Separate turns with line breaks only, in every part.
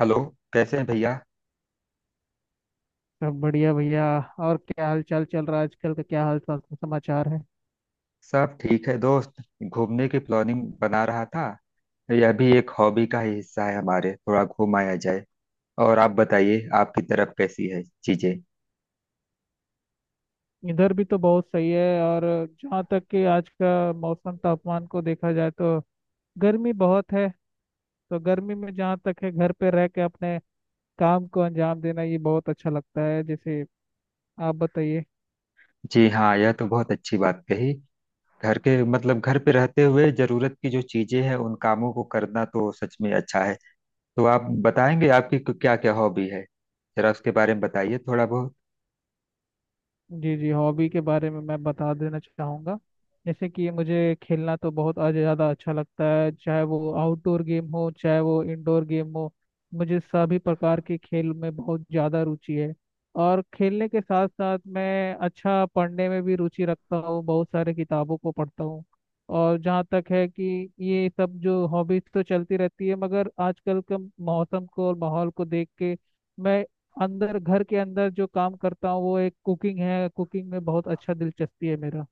Hello. कैसे हैं भैया?
सब बढ़िया भैया। और क्या हाल चाल चल रहा है आजकल का, क्या हाल चाल समाचार है।
सब ठीक है दोस्त। घूमने की प्लानिंग बना रहा था। यह भी एक हॉबी का ही हिस्सा है, हमारे थोड़ा घुमाया जाए। और आप बताइए, आपकी तरफ कैसी है चीजें?
इधर भी तो बहुत सही है। और जहाँ तक कि आज का मौसम तापमान को देखा जाए तो गर्मी बहुत है। तो गर्मी में जहाँ तक है, घर पे रह के अपने काम को अंजाम देना ये बहुत अच्छा लगता है। जैसे आप बताइए।
जी हाँ, यह तो बहुत अच्छी बात कही। घर के घर पे रहते हुए जरूरत की जो चीजें हैं, उन कामों को करना तो सच में अच्छा है। तो आप बताएंगे, आपकी क्या क्या हॉबी है? जरा उसके बारे में बताइए थोड़ा बहुत।
जी जी, हॉबी के बारे में मैं बता देना चाहूँगा। जैसे कि मुझे खेलना तो बहुत आज ज़्यादा अच्छा लगता है, चाहे वो आउटडोर गेम हो चाहे वो इंडोर गेम हो। मुझे सभी प्रकार के खेल में बहुत ज़्यादा रुचि है। और खेलने के साथ साथ मैं अच्छा पढ़ने में भी रुचि रखता हूँ, बहुत सारे किताबों को पढ़ता हूँ। और जहाँ तक है कि ये सब जो हॉबीज तो चलती रहती है, मगर आजकल के मौसम को और माहौल को देख के मैं अंदर, घर के अंदर जो काम करता हूँ वो एक कुकिंग है। कुकिंग में बहुत अच्छा दिलचस्पी है मेरा।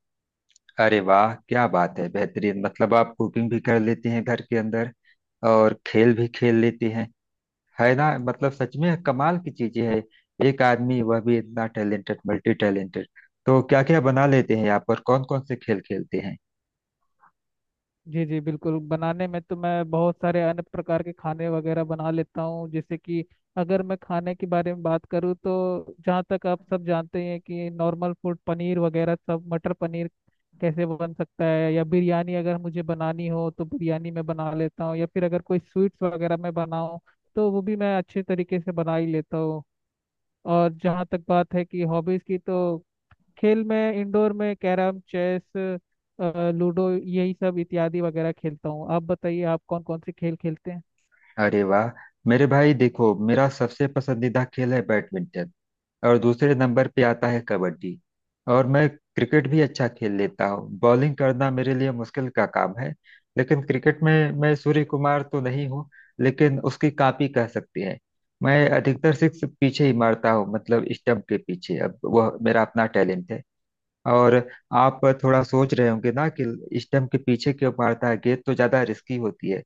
अरे वाह, क्या बात है! बेहतरीन, मतलब आप कुकिंग भी कर लेती हैं घर के अंदर, और खेल भी खेल लेती हैं। है ना? मतलब सच में कमाल की चीजें है। एक आदमी वह भी इतना टैलेंटेड, मल्टी टैलेंटेड। तो क्या क्या बना लेते हैं आप, और कौन कौन से खेल खेलते हैं?
जी जी बिल्कुल, बनाने में तो मैं बहुत सारे अन्य प्रकार के खाने वगैरह बना लेता हूँ। जैसे कि अगर मैं खाने के बारे में बात करूँ, तो जहाँ तक आप सब जानते हैं कि नॉर्मल फूड पनीर वगैरह सब, मटर पनीर कैसे बन सकता है, या बिरयानी अगर मुझे बनानी हो तो बिरयानी मैं बना लेता हूँ, या फिर अगर कोई स्वीट्स वगैरह मैं बनाऊँ तो वो भी मैं अच्छे तरीके से बना ही लेता हूँ। और जहाँ तक बात है कि हॉबीज़ की, तो खेल में, इंडोर में कैरम, चेस, लूडो यही सब इत्यादि वगैरह खेलता हूँ। आप बताइए, आप कौन कौन से खेल खेलते हैं।
अरे वाह मेरे भाई, देखो मेरा सबसे पसंदीदा खेल है बैडमिंटन। और दूसरे नंबर पे आता है कबड्डी। और मैं क्रिकेट भी अच्छा खेल लेता हूँ। बॉलिंग करना मेरे लिए मुश्किल का काम है, लेकिन क्रिकेट में मैं सूर्य कुमार तो नहीं हूँ, लेकिन उसकी कॉपी कह सकते हैं। मैं अधिकतर सिक्स पीछे ही मारता हूँ, मतलब स्टंप के पीछे। अब वह मेरा अपना टैलेंट है। और आप थोड़ा सोच रहे होंगे ना कि स्टंप के पीछे क्यों मारता है, गेंद तो ज्यादा रिस्की होती है।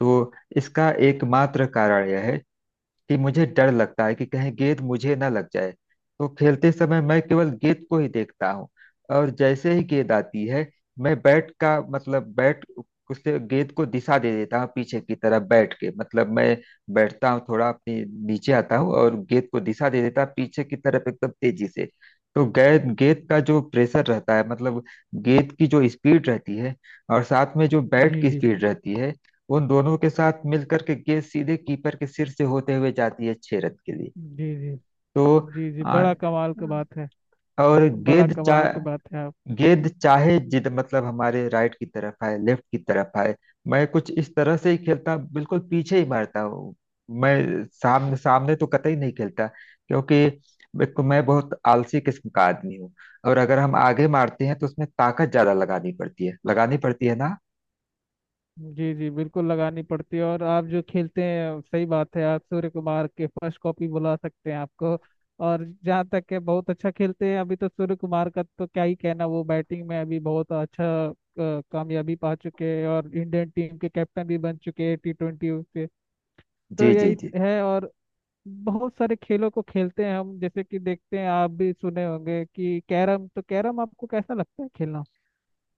तो इसका एकमात्र कारण यह है कि मुझे डर लगता है कि कहीं गेंद मुझे ना लग जाए, तो खेलते समय मैं केवल गेंद को ही देखता हूँ। और जैसे ही गेंद आती है, मैं बैट का मतलब बैट, उससे गेंद को दिशा दे देता हूँ पीछे की तरफ। बैठ के, मतलब मैं बैठता हूँ थोड़ा, अपने नीचे आता हूँ, और गेंद को दिशा दे देता हूँ पीछे की तरफ एकदम तेजी से। तो गेंद गेंद का जो प्रेशर रहता है, मतलब गेंद की जो स्पीड रहती है, और साथ में जो बैट
जी
की
जी
स्पीड रहती है, उन दोनों के साथ मिलकर के गेंद सीधे कीपर के सिर से होते हुए जाती है 6 रन के लिए।
जी। जी।
तो
जी जी।
आ,
बड़ा कमाल की बात है।
और
बड़ा
गेंद चा
कमाल की बात है आप।
गेंद चाहे जिद मतलब हमारे राइट की तरफ आए, लेफ्ट की तरफ आए, मैं कुछ इस तरह से ही खेलता, बिल्कुल पीछे ही मारता हूँ। मैं सामने सामने तो कतई नहीं खेलता, क्योंकि एक तो मैं बहुत आलसी किस्म का आदमी हूँ, और अगर हम आगे मारते हैं तो उसमें ताकत ज्यादा लगानी पड़ती है। लगानी पड़ती है ना?
जी जी बिल्कुल, लगानी पड़ती है। और आप जो खेलते हैं, सही बात है, आप सूर्य कुमार के फर्स्ट कॉपी बुला सकते हैं आपको। और जहाँ तक है, बहुत अच्छा खेलते हैं अभी तो। सूर्य कुमार का तो क्या ही कहना, वो बैटिंग में अभी बहुत अच्छा कामयाबी पा चुके हैं और इंडियन टीम के कैप्टन भी बन चुके हैं T20 से। तो
जी जी
यही
जी
है। और बहुत सारे खेलों को खेलते हैं हम। जैसे कि देखते हैं, आप भी सुने होंगे कि कैरम, तो कैरम आपको कैसा लगता है खेलना।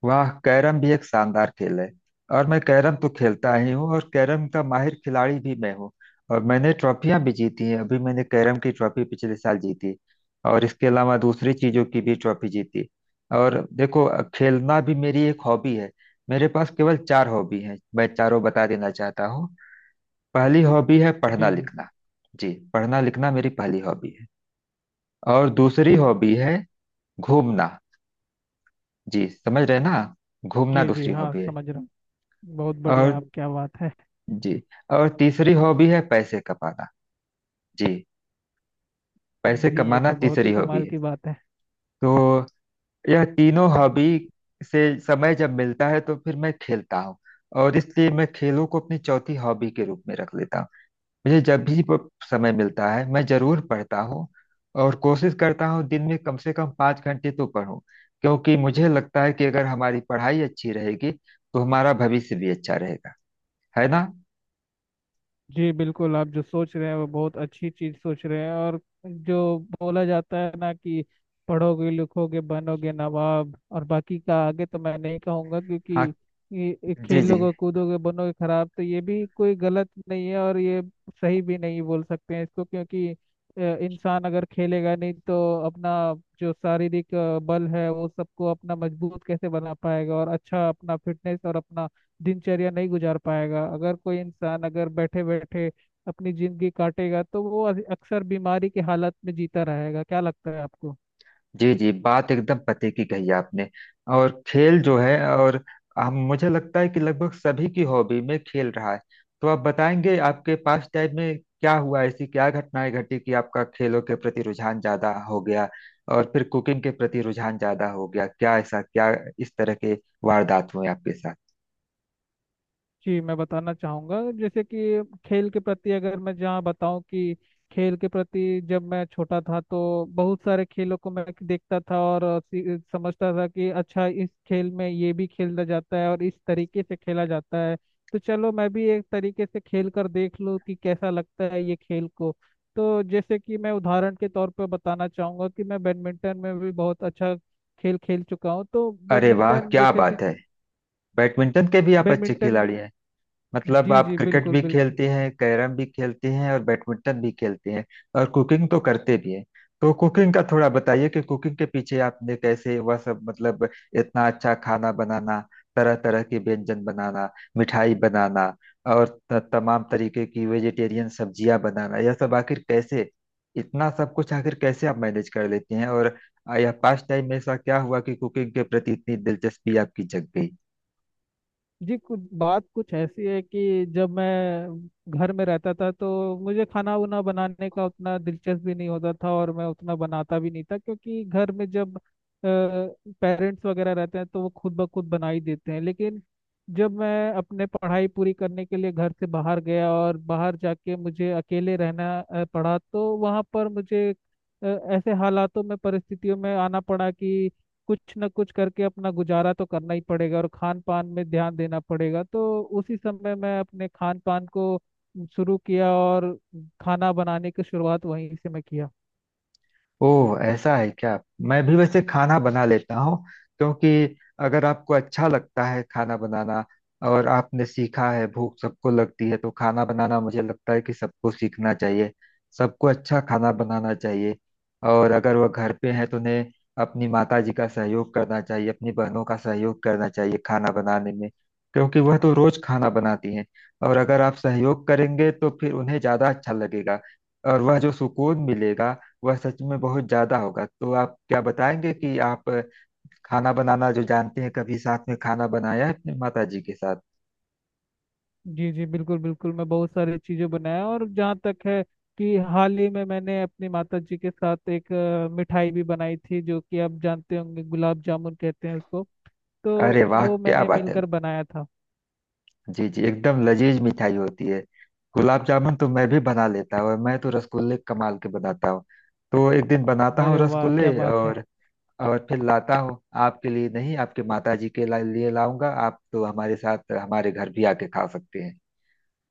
वाह, कैरम भी एक शानदार खेल है। और मैं कैरम तो खेलता ही हूँ, और कैरम का माहिर खिलाड़ी भी मैं हूँ। और मैंने ट्रॉफियां भी जीती हैं। अभी मैंने कैरम की ट्रॉफी पिछले साल जीती, और इसके अलावा दूसरी चीजों की भी ट्रॉफी जीती। और देखो, खेलना भी मेरी एक हॉबी है। मेरे पास केवल चार हॉबी हैं, मैं चारों बता देना चाहता हूँ। पहली हॉबी है पढ़ना
जी जी।
लिखना। जी, पढ़ना लिखना मेरी पहली हॉबी है। और दूसरी हॉबी है घूमना। जी, समझ रहे ना? घूमना
जी जी
दूसरी
हाँ,
हॉबी है।
समझ रहा हूँ। बहुत बढ़िया
और
आप, क्या बात है।
जी, और तीसरी हॉबी है पैसे कमाना। जी, पैसे
जी, ये
कमाना
तो बहुत ही
तीसरी हॉबी
कमाल
है।
की बात है।
तो यह तीनों हॉबी से समय जब मिलता है, तो फिर मैं खेलता हूँ। और इसलिए मैं खेलों को अपनी चौथी हॉबी के रूप में रख लेता हूँ। मुझे जब भी समय मिलता है, मैं जरूर पढ़ता हूँ। और कोशिश करता हूँ दिन में कम से कम 5 घंटे तो पढूं, क्योंकि मुझे लगता है कि अगर हमारी पढ़ाई अच्छी रहेगी तो हमारा भविष्य भी अच्छा रहेगा। है ना?
जी बिल्कुल, आप जो सोच रहे हैं वो बहुत अच्छी चीज सोच रहे हैं। और जो बोला जाता है ना कि पढ़ोगे लिखोगे बनोगे नवाब, और बाकी का आगे तो मैं नहीं कहूँगा। क्योंकि
हाँ।
ये
जी जी
खेलोगे कूदोगे बनोगे खराब, तो ये भी कोई गलत नहीं है। और ये सही भी नहीं बोल सकते हैं इसको। क्योंकि इंसान अगर खेलेगा नहीं तो अपना जो शारीरिक बल है वो सबको अपना मजबूत कैसे बना पाएगा, और अच्छा अपना फिटनेस और अपना दिनचर्या नहीं गुजार पाएगा। अगर कोई इंसान अगर बैठे बैठे अपनी जिंदगी काटेगा, तो वो अक्सर बीमारी की हालत में जीता रहेगा। क्या लगता है आपको।
जी। जी, बात एकदम पते की कही आपने। और खेल जो है, और हम मुझे लगता है कि लगभग सभी की हॉबी में खेल रहा है। तो आप बताएंगे, आपके पास टाइम में क्या हुआ, ऐसी क्या घटनाएं घटी कि आपका खेलों के प्रति रुझान ज्यादा हो गया, और फिर कुकिंग के प्रति रुझान ज्यादा हो गया? क्या ऐसा, क्या इस तरह के वारदात हुए आपके साथ?
जी, मैं बताना चाहूँगा। जैसे कि खेल के प्रति, अगर मैं जहाँ बताऊँ कि खेल के प्रति जब मैं छोटा था तो बहुत सारे खेलों को मैं देखता था और समझता था कि अच्छा, इस खेल में ये भी खेला जाता है और इस तरीके से खेला जाता है। तो चलो, मैं भी एक तरीके से खेल कर देख लूँ कि कैसा लगता है ये खेल को। तो जैसे कि मैं उदाहरण के तौर पर बताना चाहूँगा कि मैं बैडमिंटन में भी बहुत अच्छा खेल खेल चुका हूँ। तो
अरे वाह,
बैडमिंटन
क्या
जैसे कि,
बात है! बैडमिंटन के भी आप अच्छे
बैडमिंटन।
खिलाड़ी हैं। मतलब
जी
आप
जी
क्रिकेट
बिल्कुल
भी
बिल्कुल।
खेलती हैं, कैरम भी खेलती हैं, और बैडमिंटन भी खेलती हैं। और कुकिंग तो करते भी हैं। तो कुकिंग का थोड़ा बताइए कि कुकिंग के पीछे आपने कैसे वह सब, मतलब इतना अच्छा खाना बनाना, तरह तरह के व्यंजन बनाना, मिठाई बनाना, और तमाम तरीके की वेजिटेरियन सब्जियां बनाना, यह सब आखिर कैसे, इतना सब कुछ आखिर कैसे आप मैनेज कर लेती हैं? और यह पास्ट टाइम में ऐसा क्या हुआ कि कुकिंग के प्रति इतनी दिलचस्पी आपकी जग गई?
जी, कुछ बात कुछ ऐसी है कि जब मैं घर में रहता था तो मुझे खाना उना बनाने का उतना दिलचस्प भी नहीं होता था, और मैं उतना बनाता भी नहीं था। क्योंकि घर में जब पेरेंट्स वगैरह रहते हैं तो वो खुद ब खुद बना ही देते हैं। लेकिन जब मैं अपने पढ़ाई पूरी करने के लिए घर से बाहर गया, और बाहर जाके मुझे अकेले रहना पड़ा, तो वहाँ पर मुझे ऐसे हालातों में, परिस्थितियों में आना पड़ा कि कुछ ना कुछ करके अपना गुजारा तो करना ही पड़ेगा, और खान पान में ध्यान देना पड़ेगा। तो उसी समय मैं अपने खान पान को शुरू किया, और खाना बनाने की शुरुआत वहीं से मैं किया।
ओह, ऐसा है क्या? मैं भी वैसे खाना बना लेता हूँ, क्योंकि अगर आपको अच्छा लगता है खाना बनाना, और आपने सीखा है, भूख सबको लगती है, तो खाना बनाना मुझे लगता है कि सबको सीखना चाहिए। सबको अच्छा खाना बनाना चाहिए। और अगर वह घर पे हैं तो उन्हें अपनी माता जी का सहयोग करना चाहिए, अपनी बहनों का सहयोग करना चाहिए खाना बनाने में, क्योंकि वह तो रोज खाना बनाती हैं। और अगर आप सहयोग करेंगे, तो फिर उन्हें ज्यादा अच्छा लगेगा, और वह जो सुकून मिलेगा, वह सच में बहुत ज्यादा होगा। तो आप क्या बताएंगे कि आप खाना बनाना जो जानते हैं, कभी साथ में खाना बनाया है अपने माता जी के साथ?
जी जी बिल्कुल बिल्कुल, मैं बहुत सारी चीज़ें बनाया। और जहाँ तक है कि हाल ही में मैंने अपनी माता जी के साथ एक मिठाई भी बनाई थी, जो कि आप जानते होंगे, गुलाब जामुन कहते हैं उसको।
अरे
तो
वाह,
वो
क्या
मैंने
बात है!
मिलकर बनाया था।
जी जी, एकदम लजीज मिठाई होती है। गुलाब जामुन तो मैं भी बना लेता हूँ, और मैं तो रसगुल्ले कमाल के बनाता हूँ। तो एक दिन बनाता हूँ
अरे वाह
रसगुल्ले,
क्या बात है।
और फिर लाता हूँ। आपके लिए नहीं, आपके माता जी के लिए लाऊंगा। आप तो हमारे साथ हमारे घर भी आके खा सकते हैं।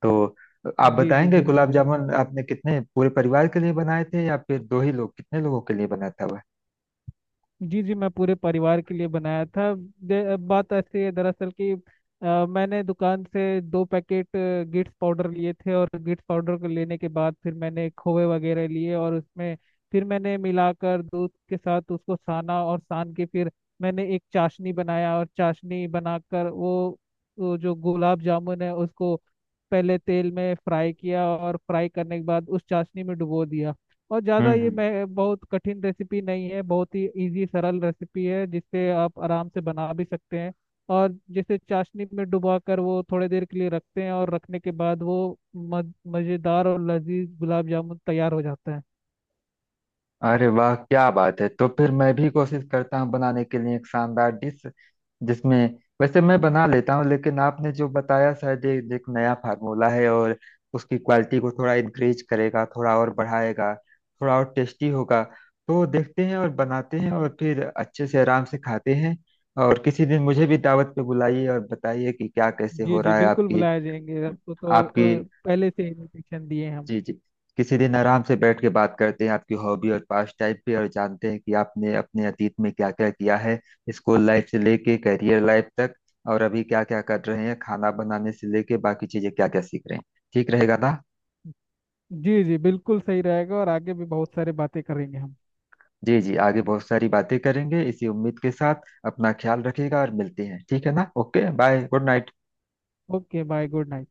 तो आप
जी जी,
बताएंगे,
जल्दी
गुलाब
जल्दी।
जामुन आपने कितने, पूरे परिवार के लिए बनाए थे या फिर दो ही लोग, कितने लोगों के लिए बना था वह?
जी जी, मैं पूरे परिवार के लिए बनाया था। बात ऐसी है दरअसल कि मैंने दुकान से 2 पैकेट गिट्स पाउडर लिए थे, और गिट्स पाउडर को लेने के बाद फिर मैंने खोए वगैरह लिए, और उसमें फिर मैंने मिलाकर दूध के साथ उसको साना। और सान के फिर मैंने एक चाशनी बनाया, और चाशनी बनाकर वो जो गुलाब जामुन है उसको पहले तेल में फ्राई किया। और फ्राई करने के बाद उस चाशनी में डुबो दिया। और ज़्यादा
हम्म
ये,
हम्म
मैं बहुत कठिन रेसिपी नहीं है, बहुत ही इजी सरल रेसिपी है, जिससे आप आराम से बना भी सकते हैं। और जैसे चाशनी में डुबा कर वो थोड़ी देर के लिए रखते हैं, और रखने के बाद वो मज़ेदार और लजीज गुलाब जामुन तैयार हो जाता है।
अरे वाह, क्या बात है! तो फिर मैं भी कोशिश करता हूँ बनाने के लिए एक शानदार डिश, जिसमें, वैसे मैं बना लेता हूँ, लेकिन आपने जो बताया शायद ये एक नया फार्मूला है, और उसकी क्वालिटी को थोड़ा इंक्रीज करेगा, थोड़ा और बढ़ाएगा, थोड़ा और टेस्टी होगा। तो देखते हैं और बनाते हैं, और फिर अच्छे से आराम से खाते हैं। और किसी दिन मुझे भी दावत पे बुलाइए, और बताइए कि क्या कैसे
जी
हो
जी
रहा है
बिल्कुल,
आपकी
बुलाए जाएंगे आपको तो।
आपकी
पहले से इन्विटेशन दिए हैं हम।
जी जी, किसी दिन आराम से बैठ के बात करते हैं, आपकी हॉबी और पास टाइप पे, और जानते हैं कि आपने अपने अतीत में क्या क्या किया है, स्कूल लाइफ से लेके करियर लाइफ तक, और अभी क्या क्या कर रहे हैं, खाना बनाने से लेके बाकी चीजें क्या क्या सीख रहे हैं। ठीक रहेगा ना?
जी जी बिल्कुल सही रहेगा, और आगे भी बहुत सारी बातें करेंगे हम।
जी जी, आगे बहुत सारी बातें करेंगे, इसी उम्मीद के साथ अपना ख्याल रखिएगा, और मिलते हैं। ठीक है ना? Okay, bye, good night.
Okay bye, good night.